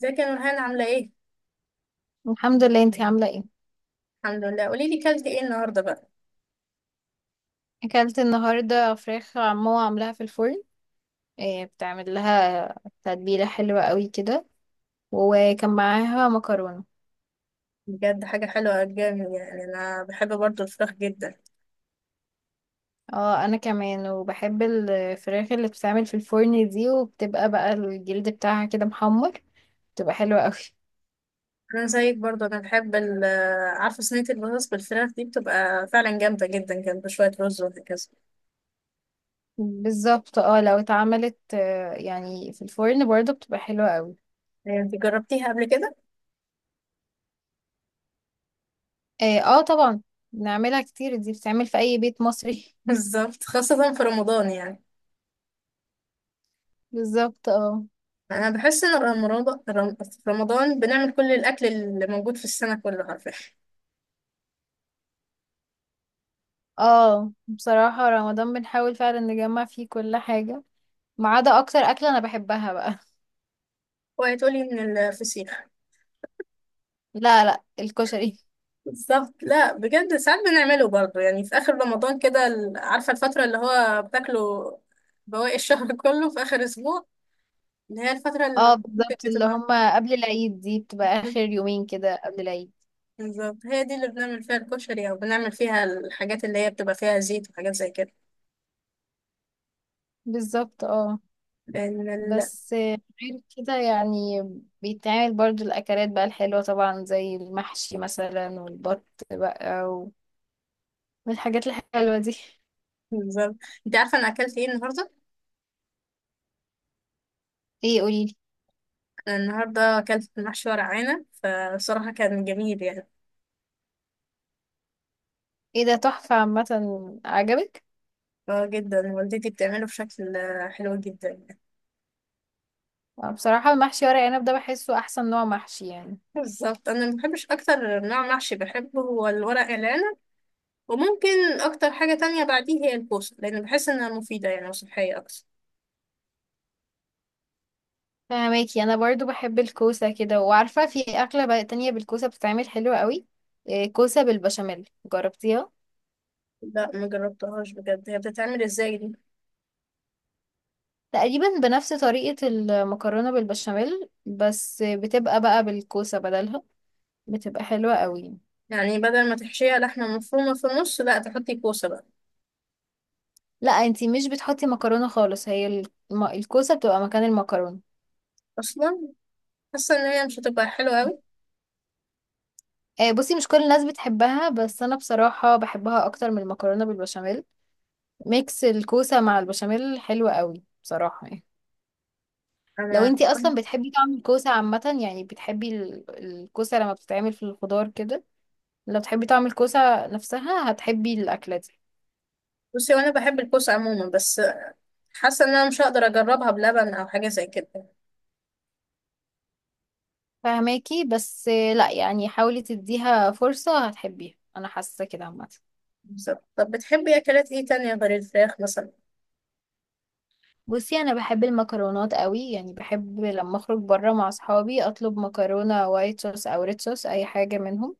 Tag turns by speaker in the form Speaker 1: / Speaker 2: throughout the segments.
Speaker 1: ازيك يا نورهان عاملة ايه؟
Speaker 2: الحمد لله، انتي عاملة ايه؟
Speaker 1: الحمد لله، قولي لي كلت ايه النهاردة بقى؟
Speaker 2: اكلت النهاردة فراخ عمو عاملاها في الفرن. إيه بتعمل لها؟ تتبيلة حلوة قوي كده، وكان معاها مكرونة.
Speaker 1: بجد حاجة حلوة جامد، يعني انا بحب برضو الفراخ جدا.
Speaker 2: اه انا كمان، وبحب الفراخ اللي بتتعمل في الفرن دي، وبتبقى بقى الجلد بتاعها كده محمر، بتبقى حلوة قوي.
Speaker 1: انا زيك برضو، انا بحب ال آه، عارفة صينية البطاطس بالفراخ دي بتبقى فعلا جامدة جدا جنب شوية رز وهكذا.
Speaker 2: بالظبط اه، لو اتعملت يعني في الفرن برضه بتبقى حلوة قوي.
Speaker 1: يعني انت جربتيها قبل كده؟
Speaker 2: اه طبعا، بنعملها كتير، دي بتتعمل في اي بيت مصري.
Speaker 1: بالظبط، خاصة في رمضان يعني.
Speaker 2: بالظبط اه.
Speaker 1: انا بحس ان في رمضان بنعمل كل الاكل اللي موجود في السنة كله، عارفة.
Speaker 2: اه بصراحة رمضان بنحاول فعلا نجمع فيه كل حاجة، ما عدا اكتر اكلة انا بحبها بقى.
Speaker 1: وهتقولي من الفسيخ.
Speaker 2: لا لا، الكشري.
Speaker 1: بالظبط، لا بجد ساعات بنعمله برضه، يعني في اخر رمضان كده عارفه الفتره اللي هو بتاكله بواقي الشهر كله في اخر اسبوع، اللي هي الفتره
Speaker 2: اه
Speaker 1: اللي
Speaker 2: بالظبط، اللي
Speaker 1: بتبقى.
Speaker 2: هما قبل العيد دي بتبقى اخر يومين كده قبل العيد.
Speaker 1: بالظبط، هي دي اللي بنعمل فيها الكشري، او بنعمل فيها الحاجات اللي هي بتبقى فيها زيت وحاجات زي كده،
Speaker 2: بالظبط اه.
Speaker 1: لان
Speaker 2: بس غير كده يعني، بيتعمل برضو الاكلات بقى الحلوة طبعا، زي المحشي مثلا والبط بقى والحاجات الحلوة دي.
Speaker 1: بالظبط. انت عارفه انا اكلت ايه النهارده؟
Speaker 2: ايه؟ قوليلي.
Speaker 1: أنا النهارده اكلت محشي ورق عنب، فبصراحه كان جميل يعني.
Speaker 2: ايه ده تحفة، عامة عجبك؟
Speaker 1: اه جدا، والدتي بتعمله بشكل حلو جدا.
Speaker 2: بصراحة المحشي ورق عنب ده بحسه احسن نوع محشي يعني.
Speaker 1: بالظبط، انا ما بحبش، اكتر نوع محشي بحبه هو الورق العنب. وممكن اكتر حاجه تانية بعديه هي الكوسه، لان بحس انها مفيده يعني وصحيه اكتر.
Speaker 2: فهماكي، انا برضو بحب الكوسه كده، وعارفه في اكله بقى تانية بالكوسه بتتعمل حلوه قوي. إيه، كوسه بالبشاميل، جربتيها؟
Speaker 1: لا ما جربتهاش، بجد هي بتتعمل ازاي دي؟
Speaker 2: تقريبا بنفس طريقه المكرونه بالبشاميل، بس بتبقى بقى بالكوسه بدلها، بتبقى حلوه قوي.
Speaker 1: يعني بدل ما تحشيها لحمه مفرومه في النص لا تحطي كوسه بقى
Speaker 2: لا انتي مش بتحطي مكرونه خالص، هي الكوسه بتبقى مكان المكرونه.
Speaker 1: اصلا؟ حاسه ان هي مش هتبقى حلوه قوي.
Speaker 2: بصي مش كل الناس بتحبها، بس انا بصراحه بحبها اكتر من المكرونه بالبشاميل. ميكس الكوسه مع البشاميل حلو قوي بصراحه يعني. لو
Speaker 1: انا.
Speaker 2: انتي اصلا بتحبي طعم الكوسه عامه، يعني بتحبي الكوسه لما بتتعمل في الخضار كده، لو بتحبي طعم الكوسه نفسها هتحبي الاكله دي.
Speaker 1: بصي وانا بحب الكوسه عموما، بس حاسه ان انا مش هقدر اجربها بلبن او حاجه زي كده.
Speaker 2: فهماكي، بس لا يعني حاولي تديها فرصه، هتحبيها، انا حاسه كده عامه.
Speaker 1: بالظبط، طب بتحبي اكلات ايه تانية غير الفراخ مثلا؟
Speaker 2: بصي انا بحب المكرونات قوي، يعني بحب لما اخرج بره مع اصحابي اطلب مكرونه وايت صوص او ريد صوص، اي حاجه منهم.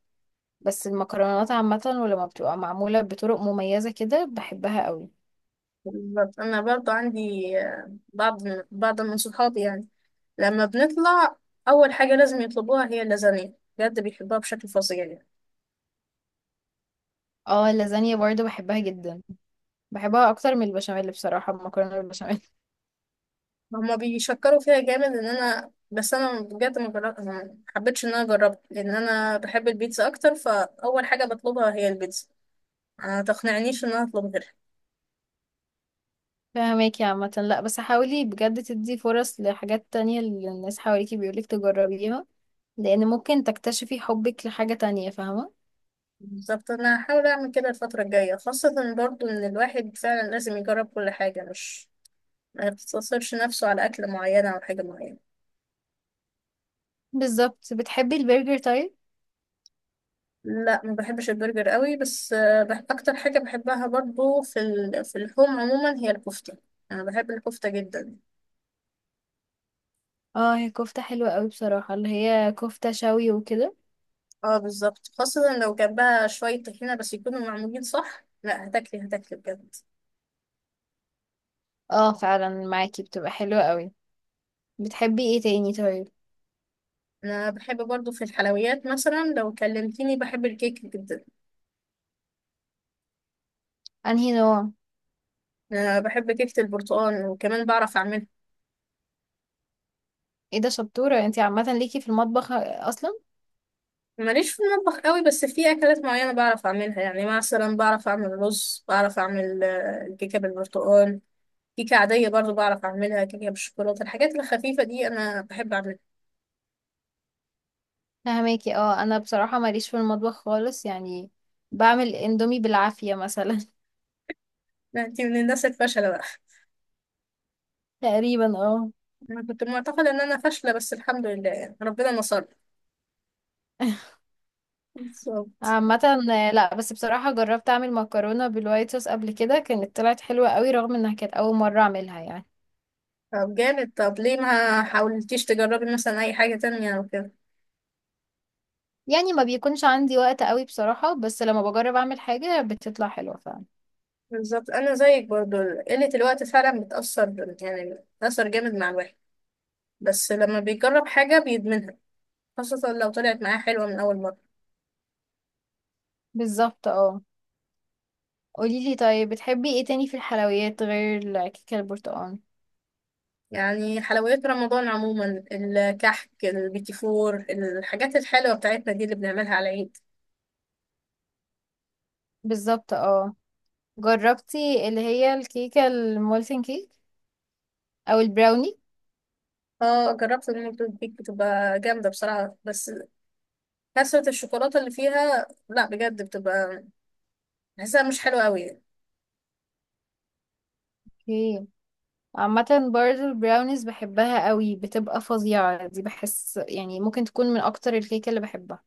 Speaker 2: بس المكرونات عامه، ولما بتبقى معموله بطرق مميزه كده بحبها قوي.
Speaker 1: بالظبط، انا برضو عندي بعض من صحابي، يعني لما بنطلع اول حاجه لازم يطلبوها هي اللازانيا، بجد بيحبوها بشكل فظيع يعني.
Speaker 2: اه اللازانيا برضو بحبها جدا، بحبها اكتر من البشاميل بصراحة، المكرونة بالبشاميل.
Speaker 1: هما بيشكروا فيها جامد ان انا، بس انا بجد ما حبيتش ان انا اجربها، لان انا بحب البيتزا اكتر، فاول حاجه بطلبها هي البيتزا. ما تقنعنيش ان انا اطلب غيرها.
Speaker 2: فهماكي عامة، لا بس حاولي بجد تدي فرص لحاجات تانية اللي الناس حواليكي بيقولك تجربيها، لان ممكن تكتشفي حبك لحاجة تانية، فاهمة؟
Speaker 1: بالظبط، انا هحاول اعمل كده الفتره الجايه، خاصه برضو ان الواحد فعلا لازم يجرب كل حاجه، مش ما يقتصرش نفسه على اكله معينه او حاجه معينه.
Speaker 2: بالظبط. بتحبي البرجر طيب؟
Speaker 1: لا ما بحبش البرجر قوي، بس آه، بح اكتر حاجه بحبها برضو في اللحوم عموما هي الكفته. انا بحب الكفته جدا.
Speaker 2: اه هي كفتة حلوة قوي بصراحة، اللي هي كفتة شوي وكده.
Speaker 1: اه بالظبط، خاصه لو جنبها شويه طحينه، بس يكونوا معمولين صح، لا هتاكلي هتاكلي بجد.
Speaker 2: اه فعلا، معاكي، بتبقى حلوة قوي. بتحبي ايه تاني طيب؟
Speaker 1: انا بحب برضو في الحلويات، مثلا لو كلمتيني بحب الكيك جدا.
Speaker 2: انهي نوع؟
Speaker 1: انا بحب كيكه البرتقال وكمان بعرف اعملها.
Speaker 2: ايه ده، شطورة انتي عامة ليكي في المطبخ اصلا.
Speaker 1: ماليش في المطبخ قوي، بس في اكلات معينه بعرف اعملها، يعني مثلا بعرف اعمل رز، بعرف اعمل الكيكه بالبرتقال. كيكة عادية برضو بعرف أعملها، كيكة بالشوكولاتة، الحاجات الخفيفة دي أنا بحب أعملها.
Speaker 2: فهماكي، اه انا بصراحة ماليش في المطبخ خالص يعني، بعمل اندومي بالعافية مثلا.
Speaker 1: لا، أنت من الناس الفاشلة بقى.
Speaker 2: تقريبا اه.
Speaker 1: أنا كنت معتقدة إن أنا فاشلة، بس الحمد لله يعني ربنا نصرني. بالظبط.
Speaker 2: عامة لا بس بصراحة جربت اعمل مكرونة بالوايت صوص قبل كده، كانت طلعت حلوة قوي، رغم انها كانت اول مرة اعملها يعني.
Speaker 1: طب جامد، طب ليه ما حاولتيش تجربي مثلا أي حاجة تانية أو كده؟
Speaker 2: يعني ما بيكونش عندي وقت قوي بصراحة، بس لما بجرب اعمل حاجة بتطلع حلوة فعلا.
Speaker 1: بالظبط أنا زيك برضو، قلة الوقت فعلا بتأثر، يعني بتأثر جامد مع الواحد، بس لما بيجرب حاجة بيدمنها، خاصة لو طلعت معاه حلوة من أول مرة.
Speaker 2: بالظبط اه. قوليلي طيب، بتحبي ايه تاني في الحلويات غير الكيكة البرتقال؟
Speaker 1: يعني حلويات رمضان عموما، الكحك، البيتي فور، الحاجات الحلوة بتاعتنا دي اللي بنعملها على العيد.
Speaker 2: بالظبط اه. جربتي اللي هي الكيكة المولتن كيك، او البراوني؟
Speaker 1: اه جربت المولتون كيك، بتبقى جامدة بصراحة، بس كثرة الشوكولاتة اللي فيها، لا بجد بتبقى، بحسها مش حلوة قوي.
Speaker 2: اوكي. عامة برضه البراونيز بحبها قوي، بتبقى فظيعة دي، بحس يعني ممكن تكون من اكتر الكيكة اللي بحبها.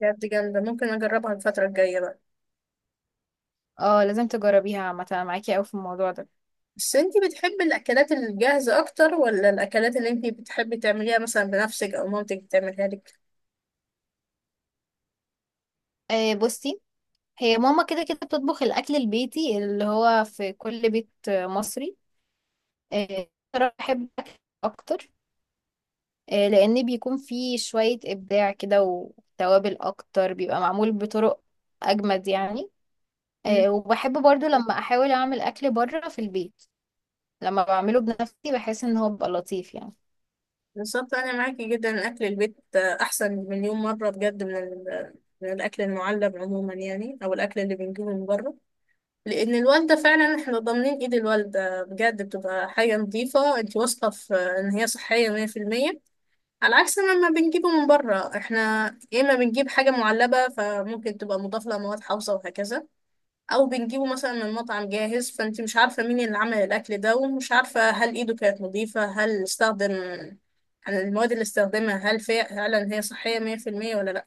Speaker 1: بجد جامدة، ممكن أجربها الفترة الجاية بقى.
Speaker 2: اه لازم تجربيها عامة، أنا معاكي قوي في الموضوع ده.
Speaker 1: بس انتي بتحبي الأكلات الجاهزة أكتر، ولا الأكلات اللي انتي بتحبي تعمليها مثلا بنفسك، أو مامتك بتعملها لك؟
Speaker 2: آه بصي، هي ماما كده كده بتطبخ الاكل البيتي اللي هو في كل بيت مصري. آه صراحة بحب الأكل اكتر، آه لان بيكون فيه شوية ابداع كده وتوابل اكتر، بيبقى معمول بطرق اجمد يعني. آه وبحب برضو لما احاول اعمل اكل بره في البيت، لما بعمله بنفسي بحس ان هو بيبقى لطيف يعني.
Speaker 1: بالظبط أنا معاكي جدا، أكل البيت أحسن مليون مرة بجد من الأكل المعلب عموما، يعني أو الأكل اللي بنجيبه من بره. لأن الوالدة فعلا، احنا ضامنين إيد الوالدة بجد بتبقى حاجة نظيفة، أنت واثقة في إن هي صحية 100%، على عكس ما بنجيبه من بره احنا. يا إما بنجيب حاجة معلبة، فممكن تبقى مضاف لها مواد حافظة وهكذا، او بنجيبه مثلا من مطعم جاهز، فانت مش عارفه مين اللي عمل الاكل ده، ومش عارفه هل ايده كانت نظيفه، هل استخدم يعني المواد اللي استخدمها هل فعلا هي صحيه 100% ولا لا.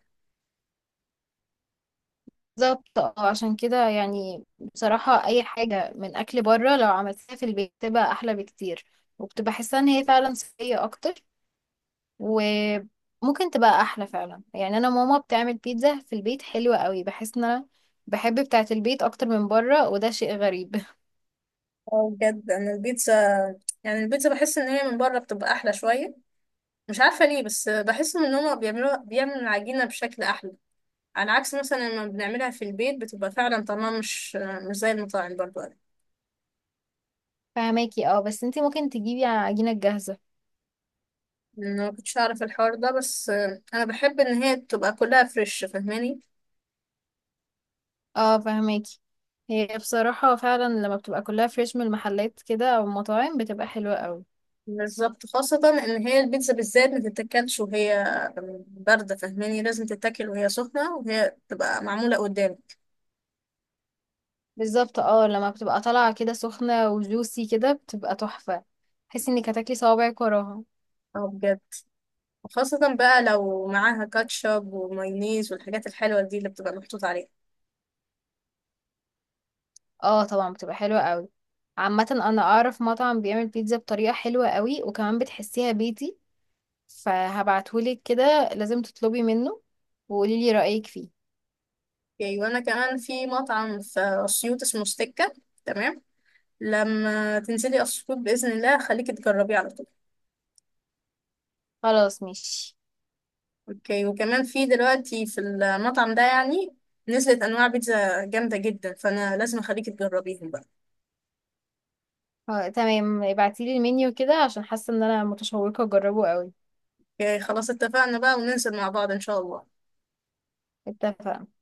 Speaker 2: بالظبط اه، عشان كده يعني بصراحة اي حاجة من اكل بره لو عملتها في البيت بتبقى احلى بكتير، وبتبقى حاسة ان هي فعلا صحية اكتر، وممكن تبقى احلى فعلا. يعني انا ماما بتعمل بيتزا في البيت حلوة قوي، بحس ان انا بحب بتاعة البيت اكتر من بره، وده شيء غريب.
Speaker 1: اه بجد انا البيتزا، يعني البيتزا بحس ان هي من بره بتبقى احلى شويه، مش عارفه ليه، بس بحس ان هما بيعملوا العجينه بشكل احلى، على عكس مثلا لما بنعملها في البيت بتبقى فعلا طعمها مش زي المطاعم. برضو انا،
Speaker 2: فهماكي، اه بس انتي ممكن تجيبي عجينة جاهزة.
Speaker 1: أنا ما كنتش اعرف الحوار ده، بس انا بحب ان هي تبقى كلها فريش، فاهماني؟
Speaker 2: اه فهماكي، هي بصراحة فعلا لما بتبقى كلها فريش من المحلات كده او المطاعم بتبقى حلوة قوي.
Speaker 1: بالظبط، خاصة إن هي البيتزا بالذات ما تتاكلش وهي باردة، فاهماني؟ لازم تتاكل وهي سخنة، وهي تبقى معمولة قدامك.
Speaker 2: بالظبط اه، لما بتبقى طالعة كده سخنة وجوسي كده بتبقى تحفة، تحسي انك هتاكلي صوابعك وراها.
Speaker 1: اه بجد، خاصة بقى لو معاها كاتشب ومايونيز والحاجات الحلوة دي اللي بتبقى محطوط عليها.
Speaker 2: اه طبعا بتبقى حلوة قوي. عامة انا اعرف مطعم بيعمل بيتزا بطريقة حلوة قوي، وكمان بتحسيها بيتي، فهبعتهولك كده، لازم تطلبي منه وقوليلي رأيك فيه.
Speaker 1: اوكي، وأنا كمان في مطعم في أسيوط اسمه ستيكة. تمام. لما تنزلي أسيوط بإذن الله خليكي تجربيه على طول.
Speaker 2: خلاص ماشي.
Speaker 1: اوكي، وكمان في دلوقتي في المطعم ده يعني نزلت أنواع بيتزا جامدة جدا، فأنا لازم أخليكي تجربيهم بقى.
Speaker 2: اه تمام، ابعتيلي المنيو كده، عشان حاسة ان انا متشوقة اجربه قوي.
Speaker 1: اوكي خلاص، اتفقنا بقى، وننزل مع بعض ان شاء الله.
Speaker 2: اتفقنا.